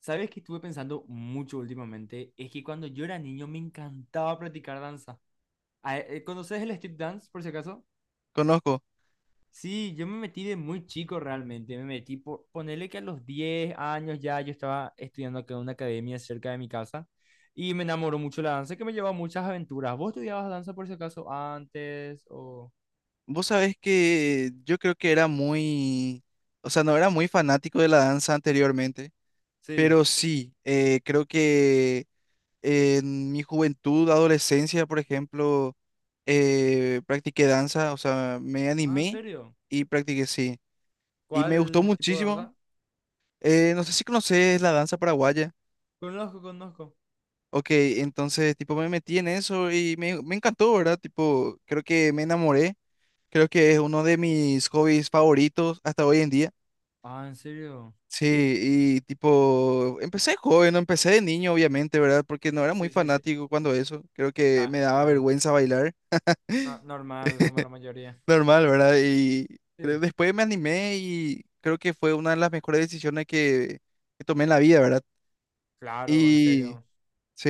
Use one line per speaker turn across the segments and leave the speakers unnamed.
¿Sabes qué estuve pensando mucho últimamente? Es que cuando yo era niño me encantaba practicar danza. ¿Conoces el street dance, por si acaso?
Conozco.
Sí, yo me metí de muy chico realmente. Me metí por ponerle que a los 10 años ya yo estaba estudiando acá en una academia cerca de mi casa y me enamoró mucho la danza que me llevó a muchas aventuras. ¿Vos estudiabas danza por si acaso antes o...?
Vos sabés que yo creo que era muy, o sea, no era muy fanático de la danza anteriormente,
Sí.
pero sí, creo que en mi juventud, adolescencia, por ejemplo, practiqué danza, o sea, me
Ah, ¿en
animé
serio?
y practiqué, sí. Y me gustó
¿Cuál tipo de
muchísimo.
danza?
No sé si conoces la danza paraguaya.
Conozco, conozco.
Ok, entonces, tipo, me metí en eso y me encantó, ¿verdad? Tipo, creo que me enamoré. Creo que es uno de mis hobbies favoritos hasta hoy en día.
Ah, ¿en serio?
Sí, y tipo, empecé joven, no empecé de niño, obviamente, ¿verdad? Porque no era
Sí,
muy
sí, sí.
fanático cuando eso. Creo que
Ah,
me daba
claro.
vergüenza bailar.
Normal, como la mayoría.
Normal, ¿verdad? Y
Sí.
después me animé y creo que fue una de las mejores decisiones que tomé en la vida, ¿verdad?
Claro, en
Y
serio.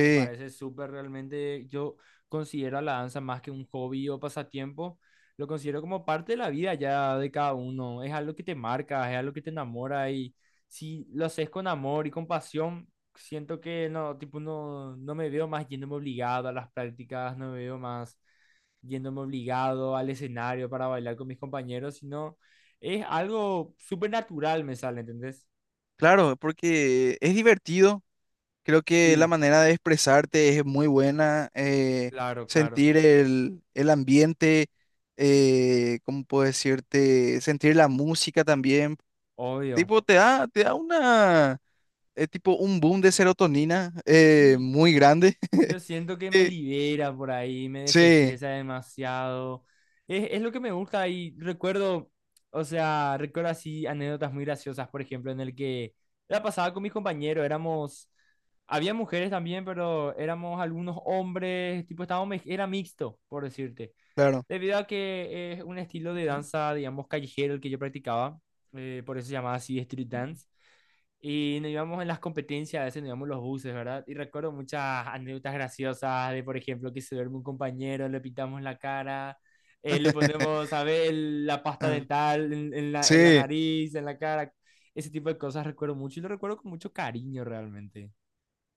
Me parece súper realmente. Yo considero a la danza más que un hobby o pasatiempo. Lo considero como parte de la vida ya de cada uno. Es algo que te marca, es algo que te enamora. Y si lo haces con amor y con pasión, siento que no, tipo, no, no me veo más yéndome obligado a las prácticas, no me veo más yéndome obligado al escenario para bailar con mis compañeros, sino es algo súper natural, me sale, ¿entendés?
claro, porque es divertido. Creo que la
Sí.
manera de expresarte es muy buena,
Claro, claro,
sentir el ambiente, ¿cómo puedo decirte? Sentir la música también.
obvio.
Tipo, te da una, tipo un boom de serotonina
Sí,
muy grande.
yo siento que me
Eh,
libera por ahí, me
Sí,
desestresa demasiado. Es lo que me gusta y recuerdo, o sea, recuerdo así anécdotas muy graciosas, por ejemplo, en el que la pasaba con mis compañeros, éramos, había mujeres también, pero éramos algunos hombres, tipo, estábamos, era mixto, por decirte.
claro.
Debido a que es un estilo de danza, digamos, callejero el que yo practicaba, por eso se llamaba así street dance. Y nos íbamos en las competencias, a veces nos íbamos los buses, ¿verdad? Y recuerdo muchas anécdotas graciosas de, por ejemplo, que se duerme un compañero, le pintamos la cara, le ponemos, ¿sabes? La pasta
Ah,
dental en la
sí,
nariz, en la cara. Ese tipo de cosas recuerdo mucho y lo recuerdo con mucho cariño realmente.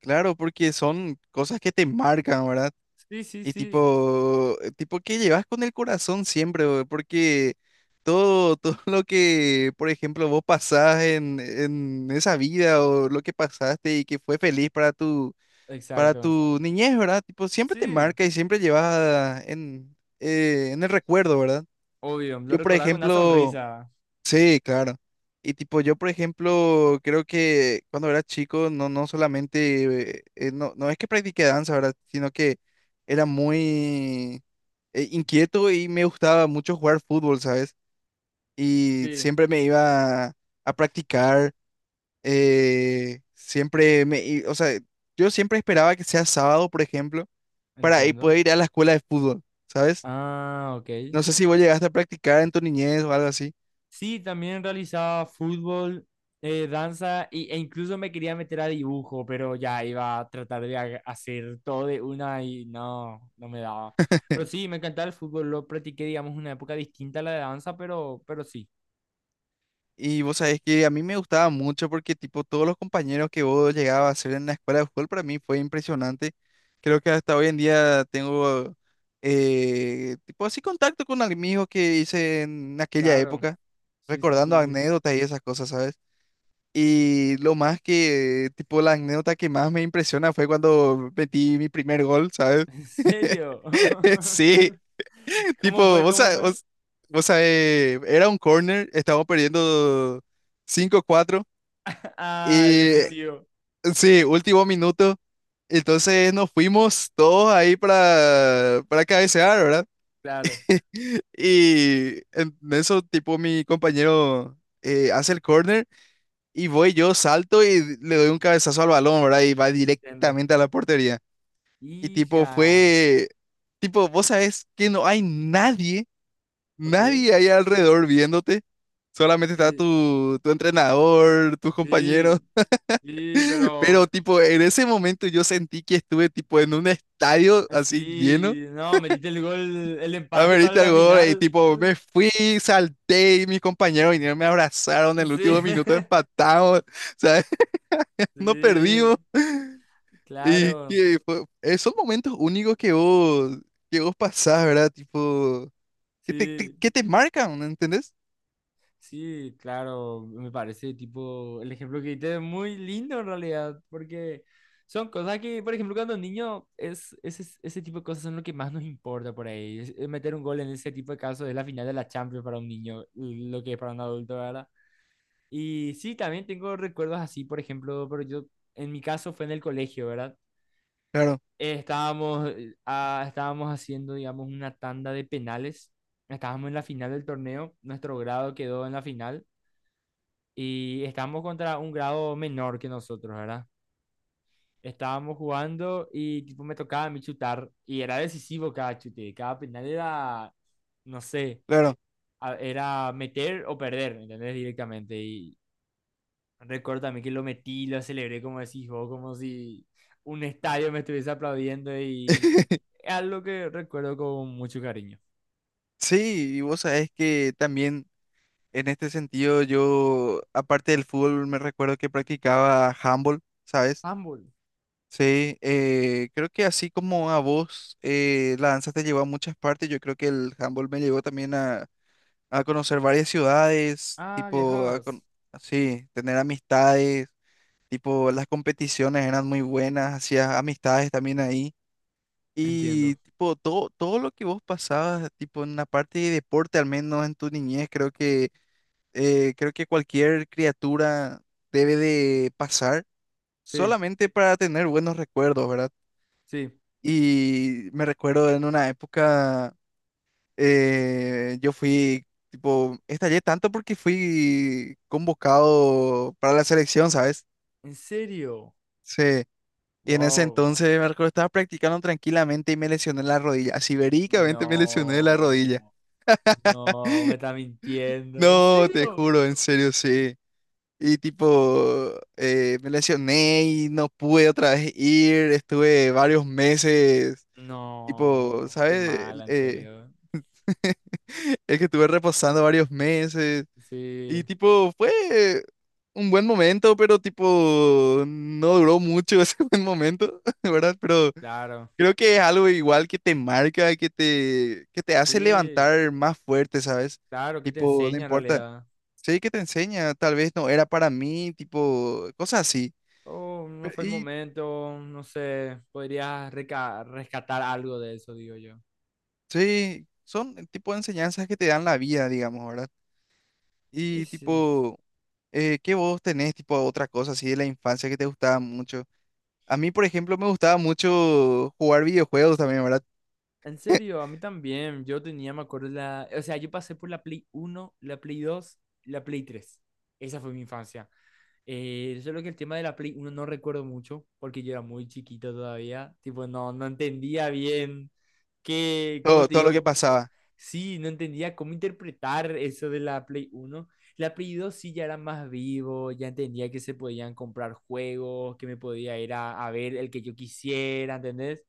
claro, porque son cosas que te marcan, ¿verdad?
Sí, sí,
Y
sí.
tipo, tipo que llevas con el corazón siempre, bro, porque todo lo que, por ejemplo, vos pasás en esa vida o lo que pasaste y que fue feliz para tu, para
Exacto.
tu niñez, ¿verdad? Tipo, siempre te
Sí.
marca y siempre llevas en el recuerdo, ¿verdad?
Obvio, lo
Yo, por
recordás con una
ejemplo.
sonrisa.
Sí, claro. Y tipo, yo por ejemplo, creo que cuando era chico, no, no solamente, no, no es que practiqué danza, ¿verdad? Sino que era muy inquieto y me gustaba mucho jugar fútbol, ¿sabes? Y
Sí.
siempre me iba a practicar, siempre o sea, yo siempre esperaba que sea sábado, por ejemplo, para
Entiendo.
poder ir a la escuela de fútbol, ¿sabes?
Ah, ok.
No sé si vos llegaste a practicar en tu niñez o algo así.
Sí, también realizaba fútbol, danza e incluso me quería meter a dibujo, pero ya iba a tratar de hacer todo de una y no, no me daba. Pero sí, me encantaba el fútbol, lo practiqué, digamos, en una época distinta a la de danza, pero sí,
Y vos sabés que a mí me gustaba mucho porque tipo todos los compañeros que vos llegabas a hacer en la escuela de fútbol para mí fue impresionante. Creo que hasta hoy en día tengo tipo así contacto con amigos que hice en aquella
claro.
época,
Sí, sí,
recordando
sí, sí.
anécdotas y esas cosas, ¿sabes? Y lo más que tipo la anécdota que más me impresiona fue cuando metí mi primer gol, ¿sabes?
¿En serio?
Sí,
¿Cómo
tipo,
fue?
vos,
¿Cómo
sa-
fue?
vos, vos sabés, era un corner, estábamos perdiendo 5-4
Ah, el
y
decisivo.
sí, último minuto. Entonces nos fuimos todos ahí para cabecear, ¿verdad?
Claro,
Y en eso, tipo, mi compañero hace el corner y voy yo, salto y le doy un cabezazo al balón, ¿verdad? Y va
entiendo.
directamente a la portería. Y tipo,
Hija,
fue, tipo, vos sabés que no hay nadie,
ok.
nadie ahí alrededor viéndote. Solamente está
Sí,
tu entrenador, tus compañeros.
sí, sí,
Pero
pero...
tipo, en ese momento yo sentí que estuve tipo en un estadio así lleno.
Sí, no, metiste el gol, el empate para
Amerita el
la
gol y
final.
tipo me fui, salté y mis compañeros vinieron, me abrazaron en el
Sí,
último minuto, empatamos, ¿sabes? No perdimos.
sí,
Y
claro,
esos momentos únicos que vos pasás, ¿verdad? Tipo, que te, te-
sí,
que te marcan, ¿entendés?
sí, claro. Me parece tipo, el ejemplo que diste es muy lindo en realidad, porque son cosas que, por ejemplo, cuando niño, es, ese tipo de cosas son lo que más nos importa por ahí. Es meter un gol en ese tipo de casos es la final de la Champions para un niño, lo que es para un adulto, ¿verdad? Y sí, también tengo recuerdos así, por ejemplo, pero yo, en mi caso fue en el colegio, ¿verdad?
Claro,
Estábamos, estábamos haciendo, digamos, una tanda de penales. Estábamos en la final del torneo. Nuestro grado quedó en la final. Y estábamos contra un grado menor que nosotros, ¿verdad? Estábamos jugando y tipo, me tocaba a mí chutar. Y era decisivo cada chute. Cada penal era, no sé,
claro.
era meter o perder, ¿entendés? Directamente. Y recuerdo también que lo metí, lo celebré como decís vos, como si un estadio me estuviese aplaudiendo y es algo que recuerdo con mucho cariño.
Sí, y vos sabés que también. En este sentido, yo, aparte del fútbol, me recuerdo que practicaba handball, ¿sabes?
Ambul.
Sí, creo que así como a vos la danza te llevó a muchas partes, yo creo que el handball me llevó también a conocer varias ciudades,
Ah,
tipo,
viajadas.
sí, tener amistades, tipo, las competiciones eran muy buenas, hacías amistades también ahí. Y
Entiendo.
tipo, todo lo que vos pasabas, tipo, en la parte de deporte, al menos en tu niñez, creo que cualquier criatura debe de pasar
Sí,
solamente para tener buenos recuerdos, ¿verdad?
sí.
Y me recuerdo en una época, yo fui, tipo, estallé tanto porque fui convocado para la selección, ¿sabes?
¿En serio?
Sí. Y en ese
Wow.
entonces me recuerdo, estaba practicando tranquilamente y me lesioné la rodilla. Así verídicamente me lesioné la rodilla.
No. No, me está mintiendo. ¿En
No, te
serio?
juro, en serio, sí. Y tipo, me lesioné y no pude otra vez ir, estuve varios meses, tipo,
No. Qué
¿sabes?
mala, en serio.
Es que estuve reposando varios meses y
Sí,
tipo, fue un buen momento, pero tipo, no duró mucho ese buen momento, ¿verdad? Pero
claro.
creo que es algo igual que te marca, que te hace
Sí,
levantar más fuerte, ¿sabes?
claro, ¿qué te
Tipo, no
enseña en
importa.
realidad?
Sí, que te enseña, tal vez no era para mí, tipo, cosas así.
Oh, no fue el
Y
momento, no sé. Podrías rescatar algo de eso, digo yo.
sí, son el tipo de enseñanzas que te dan la vida, digamos, ¿verdad?
Y
Y
sí.
tipo, ¿qué vos tenés, tipo, otra cosa así de la infancia que te gustaba mucho? A mí, por ejemplo, me gustaba mucho jugar videojuegos también, ¿verdad?
En serio, a mí también. Yo tenía, me acuerdo, la... O sea, yo pasé por la Play 1, la Play 2, la Play 3. Esa fue mi infancia. Solo que el tema de la Play 1 no recuerdo mucho, porque yo era muy chiquito todavía. Tipo, no, no entendía bien qué, ¿cómo
Todo,
te
todo lo
digo?
que pasaba,
Sí, no entendía cómo interpretar eso de la Play 1. La Play 2 sí ya era más vivo, ya entendía que se podían comprar juegos, que me podía ir a ver el que yo quisiera, ¿entendés?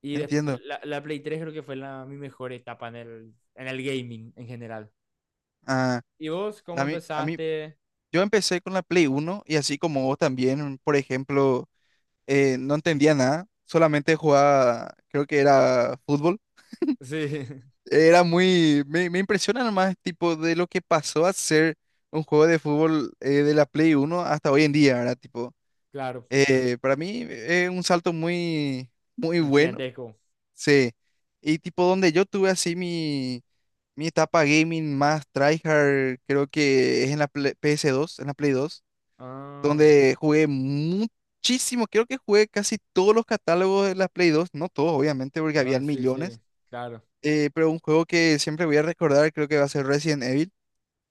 Y después,
entiendo.
la Play 3 creo que fue la, mi mejor etapa en el gaming en general.
Ah,
¿Y vos cómo
a mí,
empezaste?
yo empecé con la Play 1 y así como vos también, por ejemplo, no entendía nada, solamente jugaba, creo que era fútbol.
Sí,
Era muy, me impresiona más tipo de lo que pasó a ser un juego de fútbol de la Play 1 hasta hoy en día, ¿verdad? Tipo,
claro,
para mí es un salto muy, muy
un
bueno,
gigantesco.
sí. Y tipo donde yo tuve así mi etapa gaming más tryhard, creo que es en la Play 2
Ah,
donde jugué muchísimo, creo que jugué casi todos los catálogos de la Play 2 no todos obviamente porque
ah,
habían
sí, sí,
millones
claro.
pero un juego que siempre voy a recordar, creo que va a ser Resident Evil,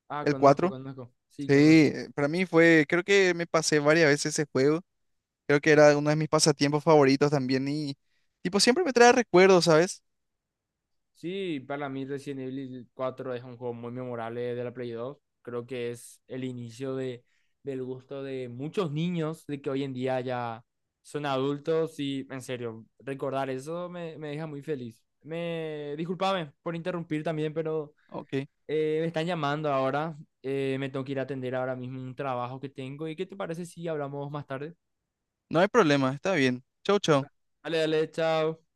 Ah,
el
conozco,
4.
conozco. Sí,
Sí,
conozco.
para mí fue, creo que me pasé varias veces ese juego. Creo que era uno de mis pasatiempos favoritos también y, tipo, siempre me trae recuerdos, ¿sabes?
Sí, para mí Resident Evil 4 es un juego muy memorable de la Play 2. Creo que es el inicio de, del gusto de muchos niños de que hoy en día ya son adultos y en serio, recordar eso me, me deja muy feliz. Me discúlpame por interrumpir también, pero
Ok,
me están llamando ahora. Me tengo que ir a atender ahora mismo un trabajo que tengo. ¿Y qué te parece si hablamos más tarde?
no hay problema, está bien. Chau, chau.
Dale, dale, chao.